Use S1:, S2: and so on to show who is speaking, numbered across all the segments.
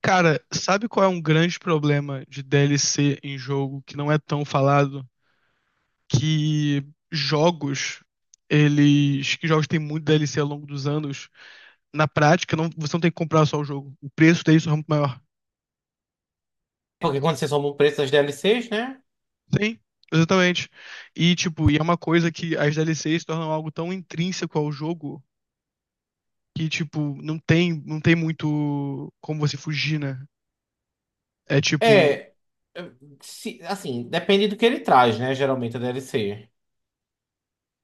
S1: Cara, sabe qual é um grande problema de DLC em jogo que não é tão falado? Que jogos, que jogos têm muito DLC ao longo dos anos, na prática não, você não tem que comprar só o jogo. O preço dele é muito maior.
S2: Porque quando vocês somam o preço das DLCs, né?
S1: Sim, exatamente. E é uma coisa que as DLCs se tornam algo tão intrínseco ao jogo que tipo, não tem muito como você fugir, né? É tipo,
S2: É. Assim, depende do que ele traz, né? Geralmente a DLC.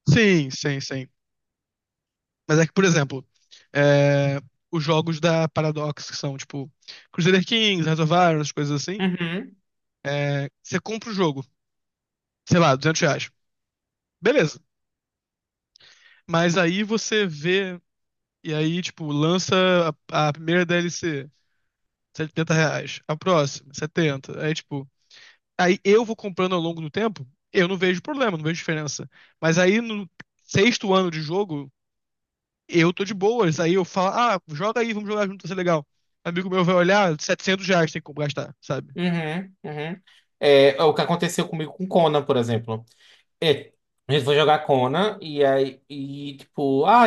S1: sim, sim, sim. Mas é que, por exemplo, é, os jogos da Paradox, que são tipo Crusader Kings, Hearts of Iron, essas coisas assim,
S2: Uhum,
S1: você compra o jogo, sei lá, R$ 200. Beleza. Mas aí você vê, e aí, tipo, lança a primeira DLC, R$ 70. A próxima, 70. Aí, tipo, aí eu vou comprando ao longo do tempo, eu não vejo problema, não vejo diferença. Mas aí no sexto ano de jogo, eu tô de boas. Aí eu falo, ah, joga aí, vamos jogar junto, vai ser legal. Amigo meu vai olhar, setecentos reais tem como gastar, sabe?
S2: uhum, uhum. É, o que aconteceu comigo com Conan, por exemplo. É, a gente foi jogar Conan e aí, e, tipo, ah,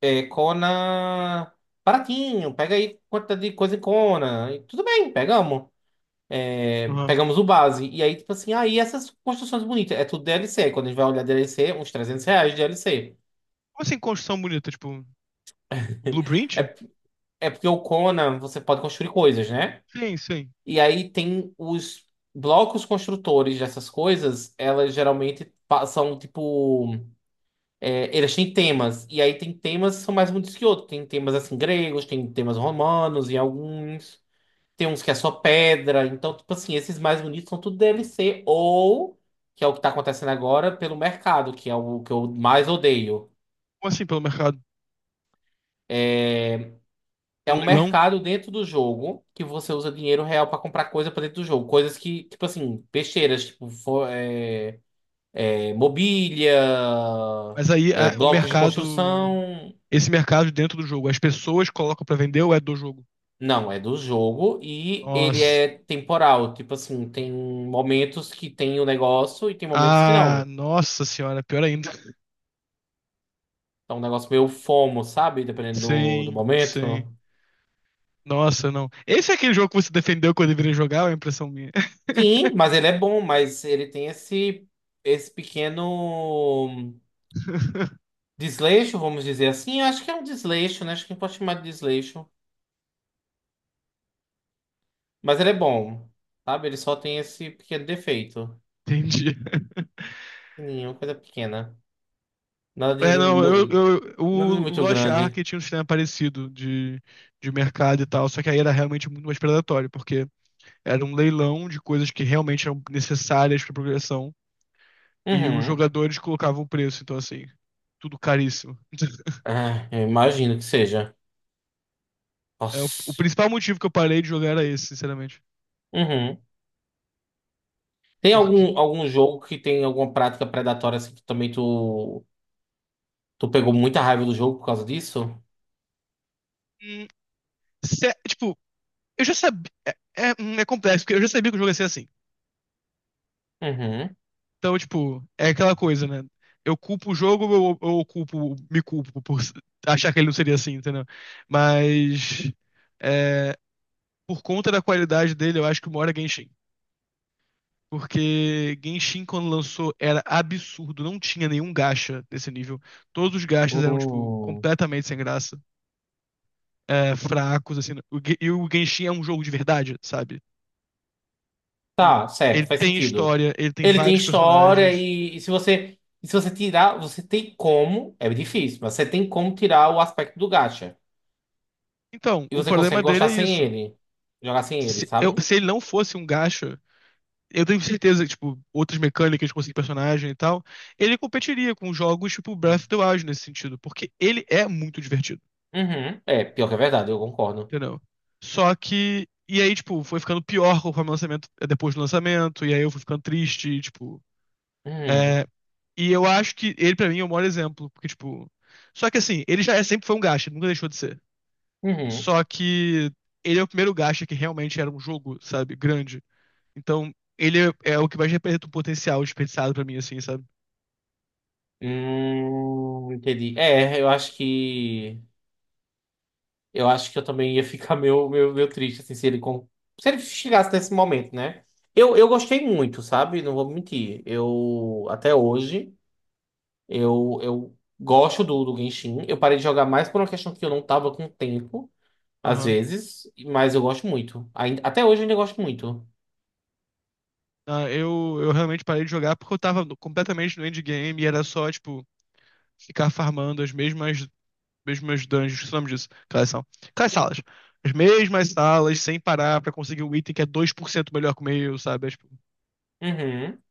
S2: é, Conan baratinho, pega aí quantidade de coisa em Conan. E tudo bem, pegamos. É,
S1: Aham.
S2: pegamos o base. E aí, tipo assim, aí essas construções bonitas, é tudo DLC. Quando a gente vai olhar DLC, uns 300 reais de DLC.
S1: Como assim construção bonita? Tipo, Blueprint?
S2: É porque o Conan, você pode construir coisas, né?
S1: Sim, sim.
S2: E aí tem os blocos construtores dessas coisas, elas geralmente são tipo. É, eles têm temas. E aí tem temas que são mais bonitos que outros. Tem temas assim gregos, tem temas romanos em alguns. Tem uns que é só pedra. Então, tipo assim, esses mais bonitos são tudo DLC. Ou, que é o que tá acontecendo agora, pelo mercado, que é o que eu mais odeio.
S1: Como assim pelo mercado?
S2: É,
S1: Por um
S2: Um
S1: leilão?
S2: mercado dentro do jogo que você usa dinheiro real pra comprar coisa pra dentro do jogo. Coisas que, tipo assim, besteiras, tipo mobília,
S1: Mas aí a- o
S2: blocos de
S1: mercado.
S2: construção.
S1: Esse mercado dentro do jogo, as pessoas colocam pra vender ou é do jogo?
S2: Não, é do jogo e ele
S1: Nossa.
S2: é temporal. Tipo assim, tem momentos que tem o negócio e tem momentos que
S1: Ah,
S2: não.
S1: nossa senhora, pior ainda.
S2: É um negócio meio FOMO, sabe? Dependendo do
S1: Sim,
S2: momento.
S1: sim. Nossa, não. Esse é aquele jogo que você defendeu quando eu virei jogar, ou é a impressão minha?
S2: Sim, mas ele é bom, mas ele tem esse pequeno. Desleixo, vamos dizer assim. Acho que é um desleixo, né? Acho que a gente pode chamar de desleixo. Mas ele é bom, sabe? Ele só tem esse pequeno defeito.
S1: Entendi.
S2: Pequenininho, coisa pequena. Nada de,
S1: É,
S2: de
S1: não,
S2: mu-
S1: o
S2: nada de muito
S1: Lost
S2: grande.
S1: Ark tinha um sistema parecido de mercado e tal, só que aí era realmente muito mais predatório, porque era um leilão de coisas que realmente eram necessárias para progressão e os
S2: Uhum.
S1: jogadores colocavam o preço, então assim, tudo caríssimo.
S2: Ah, eu imagino que seja.
S1: É, o
S2: Nossa.
S1: principal motivo que eu parei de jogar era esse, sinceramente.
S2: Uhum. Tem
S1: Porque,
S2: algum jogo que tem alguma prática predatória assim que também tu, pegou muita raiva do jogo por causa disso?
S1: hum, tipo, eu já sabia. É complexo, porque eu já sabia que o jogo ia ser assim.
S2: Uhum.
S1: Então, tipo, é aquela coisa, né? Eu culpo o jogo ou eu me culpo por s- achar que ele não seria assim, entendeu? Mas é, por conta da qualidade dele, eu acho que o maior é Genshin. Porque Genshin, quando lançou, era absurdo, não tinha nenhum gacha desse nível. Todos os gachas eram, tipo,
S2: Hum.
S1: completamente sem graça, fracos, assim. E o Genshin é um jogo de verdade, sabe? O-
S2: Tá,
S1: Ele
S2: certo, faz
S1: tem
S2: sentido.
S1: história, ele tem
S2: Ele tem
S1: vários
S2: história
S1: personagens.
S2: e se você tirar, você tem como, é difícil, mas você tem como tirar o aspecto do gacha.
S1: Então,
S2: E
S1: o
S2: você
S1: problema
S2: consegue
S1: dele é
S2: gostar sem
S1: isso.
S2: ele, jogar sem ele, sabe?
S1: Se ele não fosse um gacha, eu tenho certeza que, tipo, outras mecânicas, conseguir personagem e tal, ele competiria com jogos tipo Breath of the Wild nesse sentido, porque ele é muito divertido,
S2: Uhum. É, pior que é verdade, eu concordo.
S1: entendeu? Só que. E aí, tipo, foi ficando pior conforme o lançamento, depois do lançamento, e aí eu fui ficando triste, e, tipo.
S2: Uhum.
S1: é, E eu acho que ele, pra mim, é o maior exemplo, porque, tipo. Só que assim, sempre foi um gacha, nunca deixou de ser.
S2: Uhum.
S1: Só que ele é o primeiro gacha que realmente era um jogo, sabe, grande. Então, é o que mais representa o potencial desperdiçado pra mim, assim, sabe?
S2: Entendi. É, eu acho que eu também ia ficar meio triste assim, se ele chegasse nesse momento, né? Eu gostei muito, sabe? Não vou mentir. Eu gosto do Genshin. Eu parei de jogar mais por uma questão que eu não tava com tempo, às
S1: Aham.
S2: vezes, mas eu gosto muito. Ainda, até hoje eu ainda gosto muito.
S1: Ah, eu realmente parei de jogar porque eu tava completamente no endgame e era só, tipo, ficar farmando mesmas dungeons, que nome disso? Aquelas são. Aquelas salas. As mesmas salas, sem parar, pra conseguir um item que é 2% melhor que o meu, sabe? É, tipo,
S2: Uhum.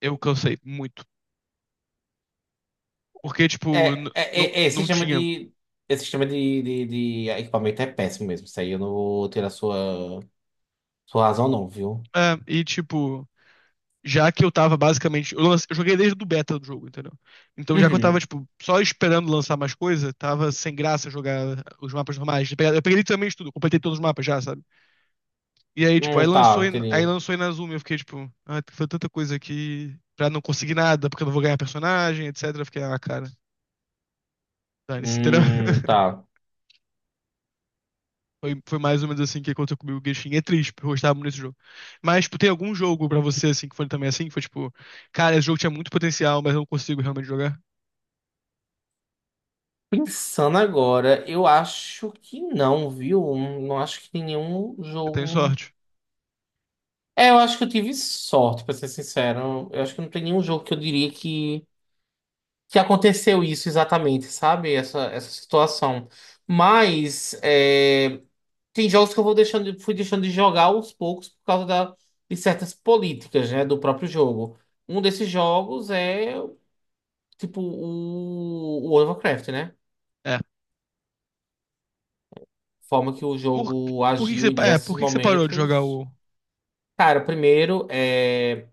S1: eu cansei muito. Porque, tipo,
S2: É, é, é, esse
S1: não
S2: sistema
S1: tinha.
S2: de. Esse sistema de equipamento é péssimo mesmo. Isso aí eu não vou ter a sua razão, não, viu?
S1: É, tipo. Já que eu tava basicamente. Eu joguei desde o beta do jogo, entendeu? Então, já que eu tava,
S2: Uhum.
S1: tipo, só esperando lançar mais coisa, tava sem graça jogar os mapas normais. Eu peguei literalmente tudo, completei todos os mapas já, sabe? E aí, tipo,
S2: Tá,
S1: aí
S2: entendi.
S1: lançou Inazuma. Eu fiquei, tipo, ah, foi tanta coisa aqui pra não conseguir nada, porque eu não vou ganhar personagem, etc. Eu fiquei, ah, cara, dane-se, entendeu?
S2: Tá.
S1: Foi mais ou menos assim que aconteceu comigo. O Genshin é triste, porque eu gostava muito desse jogo. Mas, tipo, tem algum jogo pra você, assim, que foi também assim? Que foi, tipo, cara, esse jogo tinha muito potencial, mas eu não consigo realmente jogar?
S2: Pensando agora, eu acho que não, viu? Não acho que tem nenhum
S1: Você tem
S2: jogo.
S1: sorte.
S2: É, eu acho que eu tive sorte, pra ser sincero. Eu acho que não tem nenhum jogo que eu diria que aconteceu isso exatamente, sabe? Essa situação. Mas tem jogos que eu vou deixando, fui deixando de jogar aos poucos por causa de certas políticas, né, do próprio jogo. Um desses jogos é, tipo, o World of Warcraft, né?
S1: É.
S2: Forma que o
S1: Por,
S2: jogo
S1: por que que
S2: agiu
S1: você,
S2: em diversos
S1: por que que você parou de jogar
S2: momentos.
S1: o.
S2: Cara, primeiro,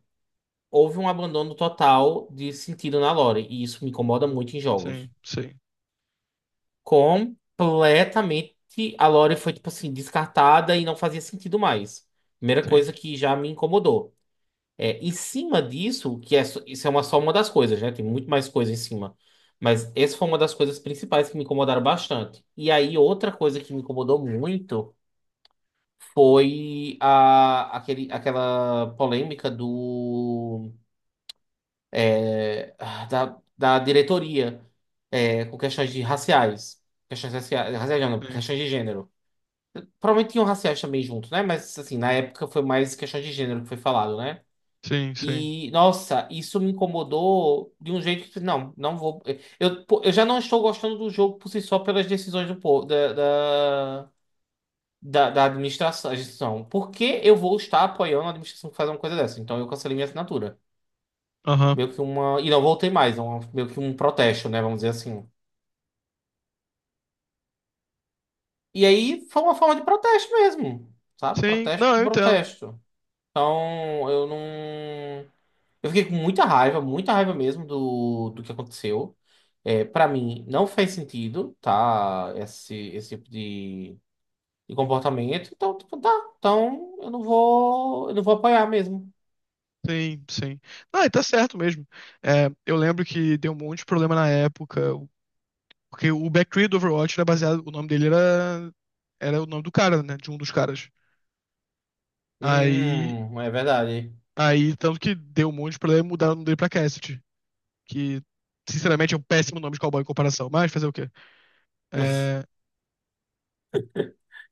S2: houve um abandono total de sentido na lore, e isso me incomoda muito em jogos.
S1: Sim, sim,
S2: Completamente a lore foi, tipo assim, descartada e não fazia sentido mais. Primeira
S1: sim,
S2: coisa que já me incomodou. É, em cima disso, que é, isso é uma, só uma das coisas, né? Tem muito mais coisa em cima. Mas essa foi uma das coisas principais que me incomodaram bastante. E aí, outra coisa que me incomodou muito foi aquela polêmica do da diretoria, com questões de raciais. Questões raciais, raciais não, não,
S1: sim,
S2: questões de gênero. Provavelmente tinham raciais também junto, né? Mas, assim, na época foi mais questões de gênero que foi falado, né?
S1: sim, sim.
S2: E, nossa, isso me incomodou de um jeito que, não, não vou. Eu, pô, eu já não estou gostando do jogo por si só pelas decisões do povo, da administração. A Por que eu vou estar apoiando a administração que faz uma coisa dessa? Então eu cancelei minha assinatura.
S1: Aham.
S2: Meio que uma. E não voltei mais, meio que um protesto, né? Vamos dizer assim. E aí foi uma forma de protesto mesmo, sabe?
S1: Sim,
S2: Protesto
S1: não,
S2: por
S1: eu entendo.
S2: protesto. Então eu não. Eu fiquei com muita raiva mesmo do que aconteceu. É, para mim, não faz sentido, tá? Esse tipo de comportamento. Então, tipo, tá. Então eu não vou. Eu não vou apoiar mesmo.
S1: Sim, sim. Não, e tá certo mesmo. É, eu lembro que deu um monte de problema na época, porque o Backtree do Overwatch era baseado. O nome dele era. Era o nome do cara, né? De um dos caras. Aí.
S2: É verdade.
S1: Aí, tanto que deu um monte de problema e mudaram o nome dele pra Cassidy. Que, sinceramente, é um péssimo nome de cowboy em comparação, mas fazer o quê? É.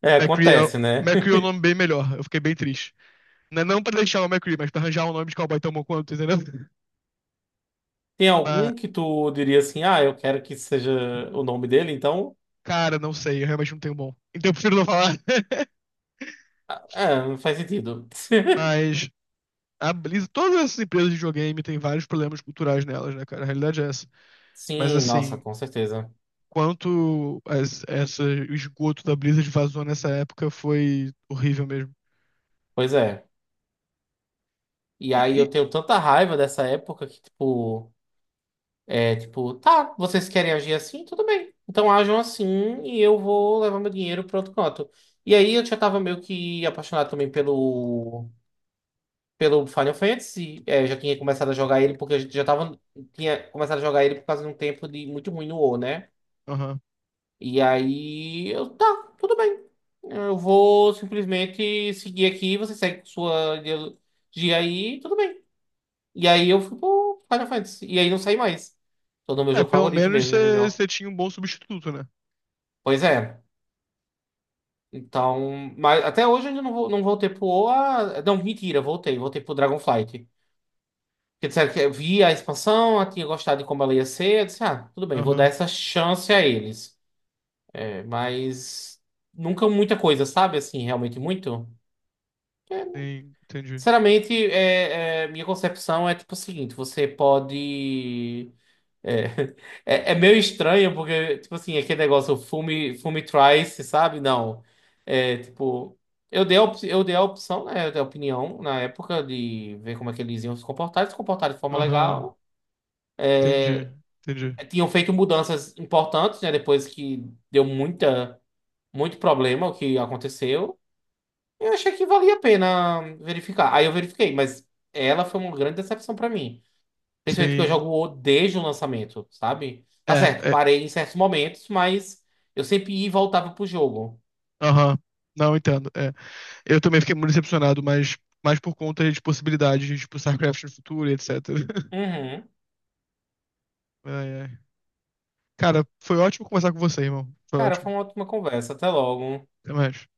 S2: É,
S1: McCree é,
S2: acontece, né?
S1: McCree é um nome bem melhor. Eu fiquei bem triste. Não, é não pra deixar o McCree, mas pra arranjar um nome de cowboy tão bom quanto, entendeu?
S2: Tem
S1: Mas,
S2: algum que tu diria assim, ah, eu quero que seja o nome dele, então,
S1: cara, não sei. Eu realmente não tenho bom. Então eu prefiro não falar.
S2: faz sentido.
S1: Mas a Blizzard, todas essas empresas de videogame têm vários problemas culturais nelas, né, cara? A realidade é essa. Mas
S2: Sim, nossa,
S1: assim,
S2: com certeza.
S1: quanto as, essa, o esgoto da Blizzard vazou nessa época foi horrível mesmo.
S2: Pois é. E aí
S1: E-
S2: eu tenho tanta raiva dessa época que, tipo, é tipo, tá, vocês querem agir assim? Tudo bem. Então ajam assim e eu vou levar meu dinheiro para outro canto. E aí eu já tava meio que apaixonado também pelo Final Fantasy. É, já tinha começado a jogar ele porque a gente tinha começado a jogar ele por causa de um tempo de muito ruim no WoW, né?
S1: aham.
S2: E aí eu, tá, tudo bem. Eu vou simplesmente seguir aqui, você segue com sua ideologia aí, tudo bem. E aí eu fui pro Final Fantasy. E aí não saí mais. Todo meu
S1: É,
S2: jogo
S1: pelo
S2: favorito
S1: menos
S2: mesmo, de MMO.
S1: você tinha um bom substituto, né?
S2: Pois é. Então, mas até hoje eu ainda não voltei pro OA. Não, mentira, voltei. Voltei pro Dragonflight. Porque disseram que eu vi a expansão, eu tinha gostado de como ela ia ser. Eu disse, ah, tudo bem, vou dar
S1: Aham,
S2: essa chance a eles. É, mas nunca muita coisa, sabe? Assim, realmente muito. É,
S1: sim, entendi.
S2: Sinceramente, minha concepção é tipo o seguinte: você pode. É, meio estranho, porque, tipo assim, aquele negócio, fume, fume twice, sabe? Não. É, tipo, eu dei a opção, né? Eu dei a opinião na época de ver como é que eles iam se comportar, eles se comportaram de forma
S1: Aham,
S2: legal.
S1: entendi, entendi.
S2: Tinham feito mudanças importantes, né? Depois que deu muita, muito problema o que aconteceu. Eu achei que valia a pena verificar. Aí eu verifiquei, mas ela foi uma grande decepção pra mim. Principalmente porque eu
S1: Sim.
S2: jogo desde o lançamento, sabe? Tá
S1: É,
S2: certo,
S1: é.
S2: parei em certos momentos, mas eu sempre ia e voltava pro jogo.
S1: Aham. Não, entendo. É. Eu também fiquei muito decepcionado, mas mais por conta de possibilidades de, tipo, StarCraft no futuro e etc.
S2: Uhum.
S1: Ai, ai. Cara, foi ótimo conversar com você, irmão. Foi
S2: Cara,
S1: ótimo.
S2: foi uma ótima conversa. Até logo.
S1: Até mais.